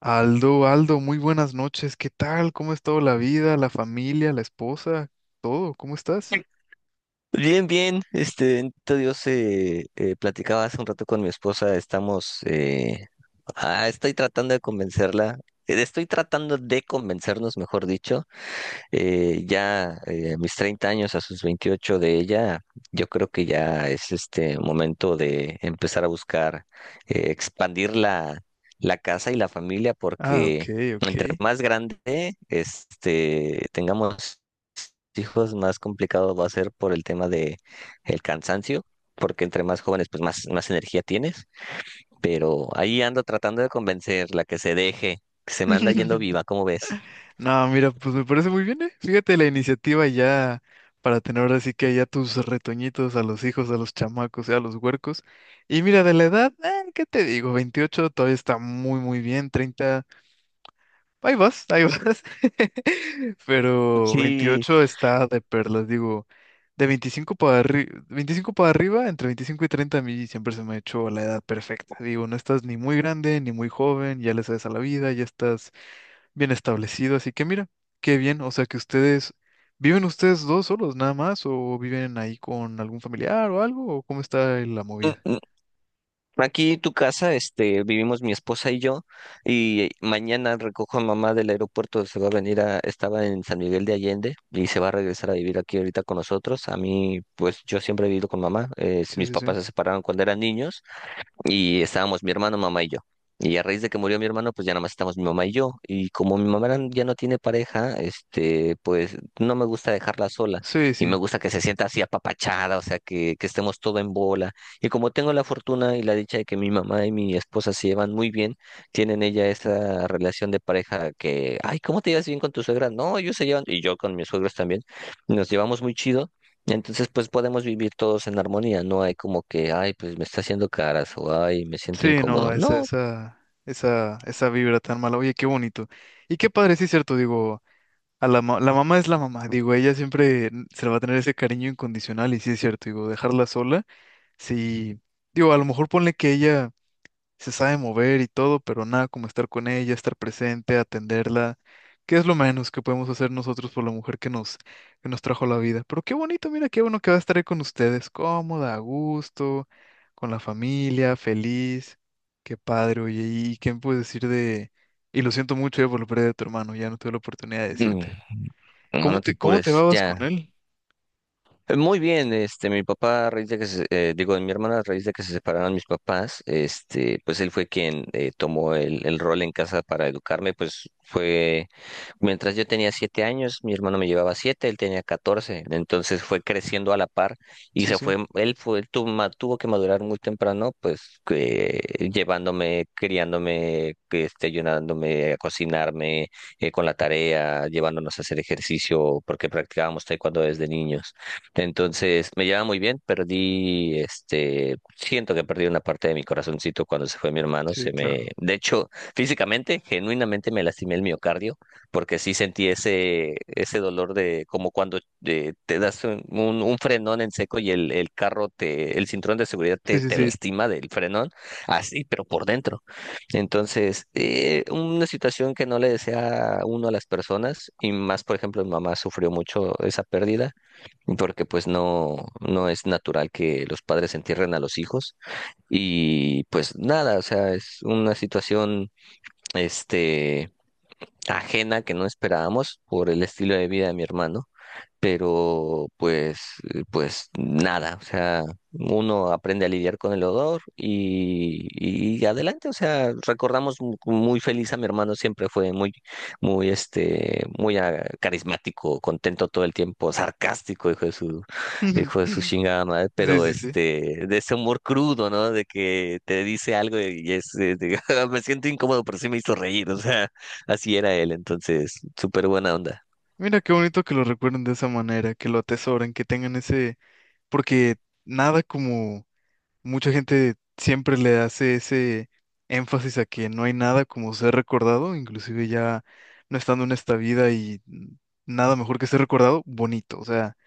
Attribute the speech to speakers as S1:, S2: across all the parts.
S1: Aldo, Aldo, muy buenas noches. ¿Qué tal? ¿Cómo es todo la vida, la familia, la esposa, todo? ¿Cómo estás?
S2: Bien, bien, bendito Dios. Platicaba hace un rato con mi esposa. Estoy tratando de convencerla. Estoy tratando de convencernos, mejor dicho. Ya a mis 30 años, a sus 28 de ella, yo creo que ya es este momento de empezar a buscar expandir la casa y la familia,
S1: Ah, ok,
S2: porque
S1: ok.
S2: entre más grande, tengamos hijos, más complicado va a ser por el tema de el cansancio, porque entre más jóvenes pues más, más energía tienes, pero ahí ando tratando de convencerla que se deje, que se me anda yendo viva. ¿Cómo ves?
S1: No, mira, pues me parece muy bien, ¿eh? Fíjate la iniciativa ya para tener ahora sí que ya tus retoñitos a los hijos, a los chamacos, y a los huercos. Y mira, de la edad, ¿qué te digo? 28 todavía está muy, muy bien. 30. Ahí vas, ahí vas. Pero
S2: Sí.
S1: 28 está de perlas, digo, de 25 para arriba, 25 para arriba, entre 25 y 30, a mí siempre se me ha hecho la edad perfecta. Digo, no estás ni muy grande ni muy joven, ya le sabes a la vida, ya estás bien establecido, así que mira, qué bien, o sea que ustedes, ¿viven ustedes dos solos nada más o viven ahí con algún familiar o algo? ¿O cómo está la
S2: mm,
S1: movida?
S2: mm, Aquí tu casa. Vivimos mi esposa y yo, y mañana recojo a mamá del aeropuerto. Se va a venir a, estaba en San Miguel de Allende y se va a regresar a vivir aquí ahorita con nosotros. A mí, pues yo siempre he vivido con mamá.
S1: Sí,
S2: Mis
S1: sí, sí.
S2: papás se separaron cuando eran niños. Y estábamos mi hermano, mamá y yo. Y a raíz de que murió mi hermano, pues ya nada más estamos mi mamá y yo. Y como mi mamá ya no tiene pareja, pues no me gusta dejarla sola.
S1: Sí,
S2: Y me
S1: sí.
S2: gusta que se sienta así apapachada, o sea, que estemos todo en bola. Y como tengo la fortuna y la dicha de que mi mamá y mi esposa se llevan muy bien, tienen ella esa relación de pareja que, ay, ¿cómo te llevas bien con tu suegra? No, ellos se llevan, y yo con mis suegros también, nos llevamos muy chido. Entonces, pues podemos vivir todos en armonía. No hay como que, ay, pues me está haciendo caras, o ay, me siento
S1: Sí,
S2: incómodo.
S1: no, esa,
S2: No.
S1: esa, esa, esa vibra tan mala. Oye, qué bonito. Y qué padre, sí, cierto, digo, a la, la mamá es la mamá, digo, ella siempre se le va a tener ese cariño incondicional, y sí es cierto, digo, dejarla sola, sí, digo, a lo mejor ponle que ella se sabe mover y todo, pero nada como estar con ella, estar presente, atenderla, que es lo menos que podemos hacer nosotros por la mujer que nos trajo la vida. Pero qué bonito, mira, qué bueno que va a estar ahí con ustedes, cómoda, a gusto, con la familia, feliz. Qué padre, oye, y qué me puedes decir de... Y lo siento mucho ya por la pérdida de tu hermano, ya no tuve la oportunidad de
S2: mm,
S1: decirte.
S2: no, no te
S1: Cómo te
S2: apures,
S1: vas con
S2: ya.
S1: él?
S2: Muy bien. Mi papá, a raíz de que se, digo, de mi hermana, a raíz de que se separaron mis papás, pues él fue quien tomó el rol en casa para educarme. Pues fue, mientras yo tenía 7 años, mi hermano me llevaba 7, él tenía 14. Entonces fue creciendo a la par y
S1: Sí,
S2: se
S1: sí,
S2: fue, él fue, tuvo que madurar muy temprano, llevándome, criándome, que ayudándome a cocinarme, con la tarea, llevándonos a hacer ejercicio, porque practicábamos taekwondo desde niños. Entonces, me lleva muy bien. Perdí, siento que perdí una parte de mi corazoncito cuando se fue mi hermano.
S1: sí,
S2: Se me,
S1: claro.
S2: de hecho, físicamente, genuinamente me lastimé el miocardio, porque sí sentí ese, ese dolor de, como cuando te das un, un frenón en seco y el carro te, el cinturón de seguridad
S1: Sí,
S2: te,
S1: sí,
S2: te
S1: sí.
S2: lastima del frenón, así, pero por dentro. Entonces, una situación que no le desea uno a las personas, y más, por ejemplo, mi mamá sufrió mucho esa pérdida, porque pues no, no es natural que los padres entierren a los hijos. Y pues nada, o sea, es una situación este ajena que no esperábamos por el estilo de vida de mi hermano, pero pues, pues nada, o sea, uno aprende a lidiar con el odor y adelante, o sea, recordamos muy feliz a mi hermano. Siempre fue muy, muy, muy carismático, contento todo el tiempo, sarcástico, hijo de su chingada madre,
S1: Sí,
S2: pero
S1: sí, sí.
S2: este, de ese humor crudo, ¿no? De que te dice algo y es, de, me siento incómodo, pero sí me hizo reír, o sea, así era él. Entonces, súper buena onda.
S1: Mira qué bonito que lo recuerden de esa manera, que lo atesoren, que tengan ese, porque nada como mucha gente siempre le hace ese énfasis a que no hay nada como ser recordado, inclusive ya no estando en esta vida y nada mejor que ser recordado, bonito. O sea,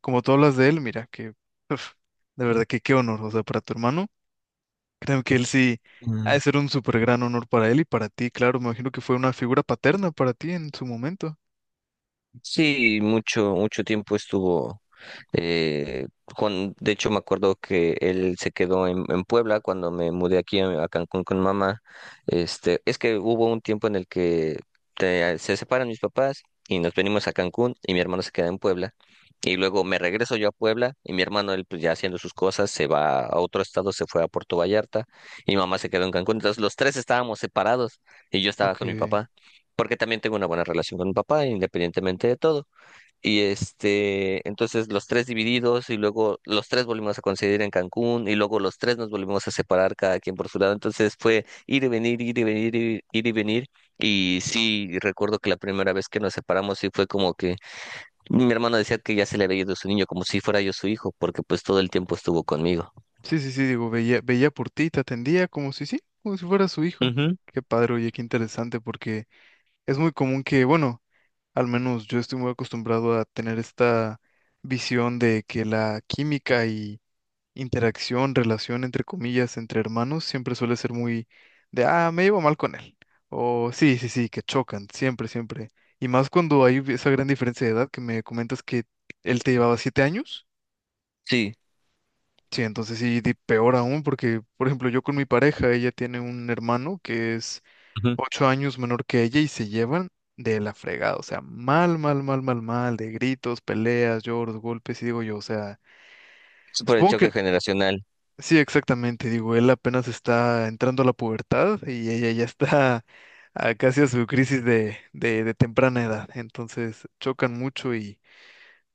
S1: como tú hablas de él, mira, que uf, de verdad que qué honor, o sea, para tu hermano, creo que él sí ha de ser un súper gran honor para él y para ti, claro, me imagino que fue una figura paterna para ti en su momento.
S2: Sí, mucho, mucho tiempo estuvo. eh, con, de hecho, me acuerdo que él se quedó en Puebla cuando me mudé aquí a Cancún con mamá. Es que hubo un tiempo en el que se separan mis papás y nos venimos a Cancún y mi hermano se queda en Puebla. Y luego me regreso yo a Puebla y mi hermano, él pues ya haciendo sus cosas, se va a otro estado, se fue a Puerto Vallarta, y mamá se quedó en Cancún. Entonces los tres estábamos separados y yo estaba
S1: Ok.
S2: con mi papá, porque también tengo una buena relación con mi papá, independientemente de todo. Y entonces los tres divididos, y luego los tres volvimos a coincidir en Cancún, y luego los tres nos volvimos a separar cada quien por su lado. Entonces fue ir y venir, ir y venir, ir y venir. Y sí, recuerdo que la primera vez que nos separamos sí fue como que mi hermano decía que ya se le había ido su niño, como si fuera yo su hijo, porque pues todo el tiempo estuvo conmigo.
S1: Sí, sí, sí, digo, veía, veía por ti, te atendía como si sí, como si fuera su hijo.
S2: Ujú.
S1: Qué padre, oye, qué interesante, porque es muy común que, bueno, al menos yo estoy muy acostumbrado a tener esta visión de que la química y interacción, relación, entre comillas, entre hermanos siempre suele ser muy de, ah, me llevo mal con él. O sí, sí, sí, que chocan, siempre, siempre. Y más cuando hay esa gran diferencia de edad que me comentas que él te llevaba 7 años.
S2: Sí,
S1: Sí, entonces sí, peor aún, porque, por ejemplo, yo con mi pareja, ella tiene un hermano que es
S2: ujú.
S1: 8 años menor que ella y se llevan de la fregada, o sea, mal, mal, mal, mal, mal, de gritos, peleas, lloros, golpes, y digo yo, o sea,
S2: Es por el
S1: supongo que,
S2: choque generacional.
S1: sí, exactamente, digo, él apenas está entrando a la pubertad y ella ya está a casi a su crisis de temprana edad, entonces chocan mucho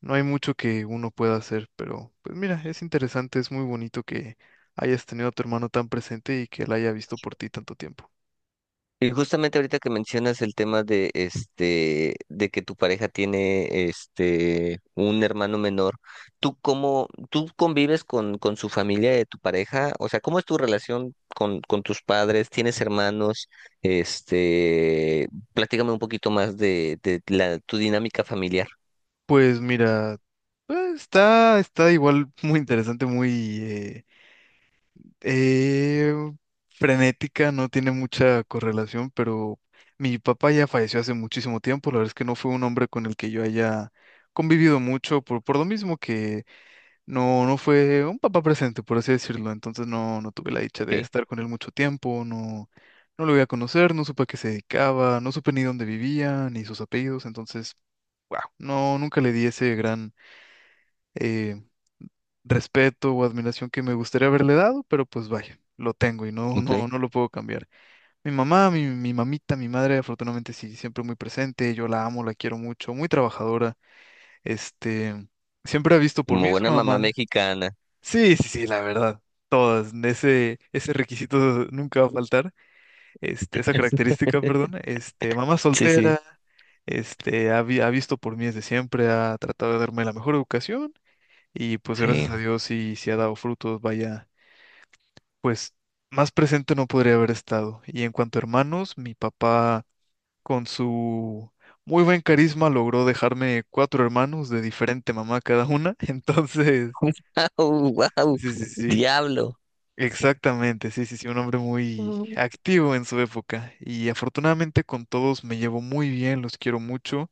S1: no hay mucho que uno pueda hacer, pero pues mira, es interesante, es muy bonito que hayas tenido a tu hermano tan presente y que él haya visto por ti tanto tiempo.
S2: Y justamente ahorita que mencionas el tema de de que tu pareja tiene un hermano menor, ¿tú cómo tú convives con su familia de tu pareja? O sea, ¿cómo es tu relación con tus padres? ¿Tienes hermanos? Este, Platícame un poquito más de la tu dinámica familiar.
S1: Pues mira, está, está igual muy interesante, muy eh, frenética, no tiene mucha correlación, pero mi papá ya falleció hace muchísimo tiempo, la verdad es que no fue un hombre con el que yo haya convivido mucho, por lo mismo. No, no fue un papá presente, por así decirlo. Entonces no, no tuve la dicha de
S2: Okay,
S1: estar con él mucho tiempo, no, no lo voy a conocer, no supe a qué se dedicaba, no supe ni dónde vivía, ni sus apellidos. Entonces, wow, no, nunca le di ese gran eh, respeto o admiración que me gustaría haberle dado, pero pues vaya, lo tengo y no,
S2: okay.
S1: no, no lo puedo cambiar. Mi mamá, mi mamita, mi madre, afortunadamente sí, siempre muy presente. Yo la amo, la quiero mucho, muy trabajadora. Este, siempre ha visto por mí,
S2: Como
S1: es
S2: buena
S1: una
S2: mamá
S1: mamá.
S2: mexicana.
S1: Sí, sí, sí, la verdad. Todas, ese requisito nunca va a faltar, este, esa característica, perdón, este, mamá
S2: Sí, sí.
S1: soltera, este, ha, ha visto por mí desde siempre, ha tratado de darme la mejor educación y pues gracias
S2: Sí.
S1: a Dios sí, sí ha dado frutos, vaya, pues más presente no podría haber estado. Y en cuanto a hermanos, mi papá con su muy buen carisma logró dejarme cuatro hermanos de diferente mamá cada una, entonces,
S2: Wow, wow.
S1: sí, sí, sí.
S2: Diablo.
S1: Exactamente, sí, sí, sí, un hombre muy activo en su época y afortunadamente con todos me llevo muy bien, los quiero mucho.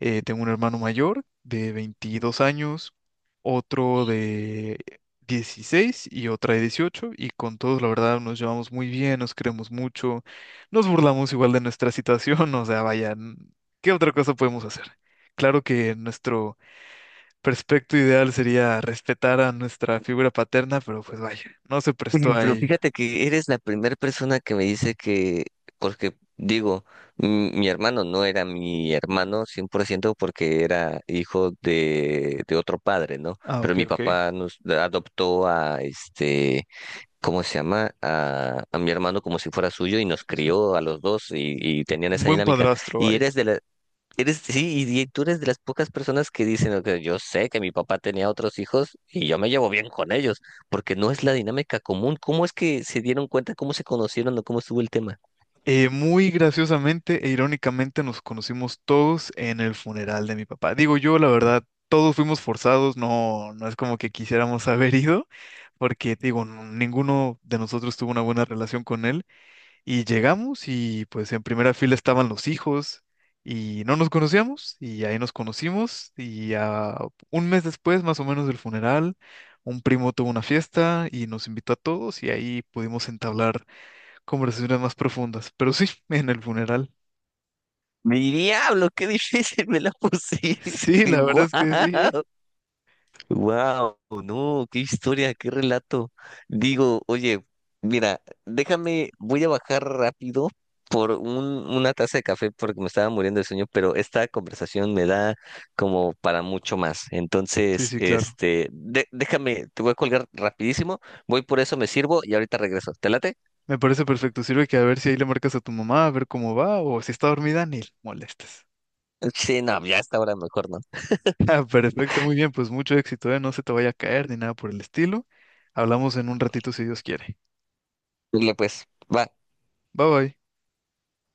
S1: Tengo un hermano mayor de 22 años, otro de 16 y otra de 18. Y con todos la verdad nos llevamos muy bien, nos queremos mucho, nos burlamos igual de nuestra situación, o sea, vaya, ¿qué otra cosa podemos hacer? Claro que nuestro perfecto ideal sería respetar a nuestra figura paterna, pero pues vaya, no se
S2: Oye.
S1: prestó
S2: Pero
S1: ahí.
S2: fíjate que eres la primera persona que me dice que, porque digo, mi hermano no era mi hermano 100% porque era hijo de otro padre, ¿no?
S1: Ah,
S2: Pero
S1: ok,
S2: mi
S1: ok.
S2: papá nos adoptó a ¿cómo se llama? A mi hermano como si fuera suyo, y nos
S1: Sí, sí.
S2: crió a los 2, y tenían
S1: Un
S2: esa
S1: buen
S2: dinámica.
S1: padrastro,
S2: Y
S1: vaya.
S2: eres de la, Eres, sí, y tú eres de las pocas personas que dicen: "Ok, yo sé que mi papá tenía otros hijos y yo me llevo bien con ellos", porque no es la dinámica común. ¿Cómo es que se dieron cuenta, cómo se conocieron o cómo estuvo el tema?
S1: Muy graciosamente e irónicamente nos conocimos todos en el funeral de mi papá. Digo yo, la verdad, todos fuimos forzados, no, no es como que quisiéramos haber ido, porque digo, ninguno de nosotros tuvo una buena relación con él. Y llegamos y pues en primera fila estaban los hijos y no nos conocíamos y ahí nos conocimos y a un mes después más o menos del funeral, un primo tuvo una fiesta y nos invitó a todos y ahí pudimos entablar conversaciones más profundas. Pero sí, en el funeral.
S2: Mi diablo, qué difícil me la
S1: Sí,
S2: pusiste.
S1: la verdad
S2: Guau.
S1: es que sí, ¿eh?
S2: Wow, no, qué historia, qué relato. Digo, oye, mira, déjame, voy a bajar rápido por un, una taza de café porque me estaba muriendo de sueño, pero esta conversación me da como para mucho más.
S1: Sí,
S2: Entonces,
S1: sí, claro.
S2: déjame, te voy a colgar rapidísimo, voy por eso, me sirvo y ahorita regreso. ¿Te late?
S1: Me parece perfecto. Sirve que a ver si ahí le marcas a tu mamá, a ver cómo va o si está dormida, ni le molestes.
S2: Sí, no, ya a esta hora mejor no.
S1: Ah, perfecto, muy bien, pues mucho éxito, ¿eh? No se te vaya a caer ni nada por el estilo. Hablamos en un ratito si Dios quiere.
S2: Dile pues, va.
S1: Bye bye.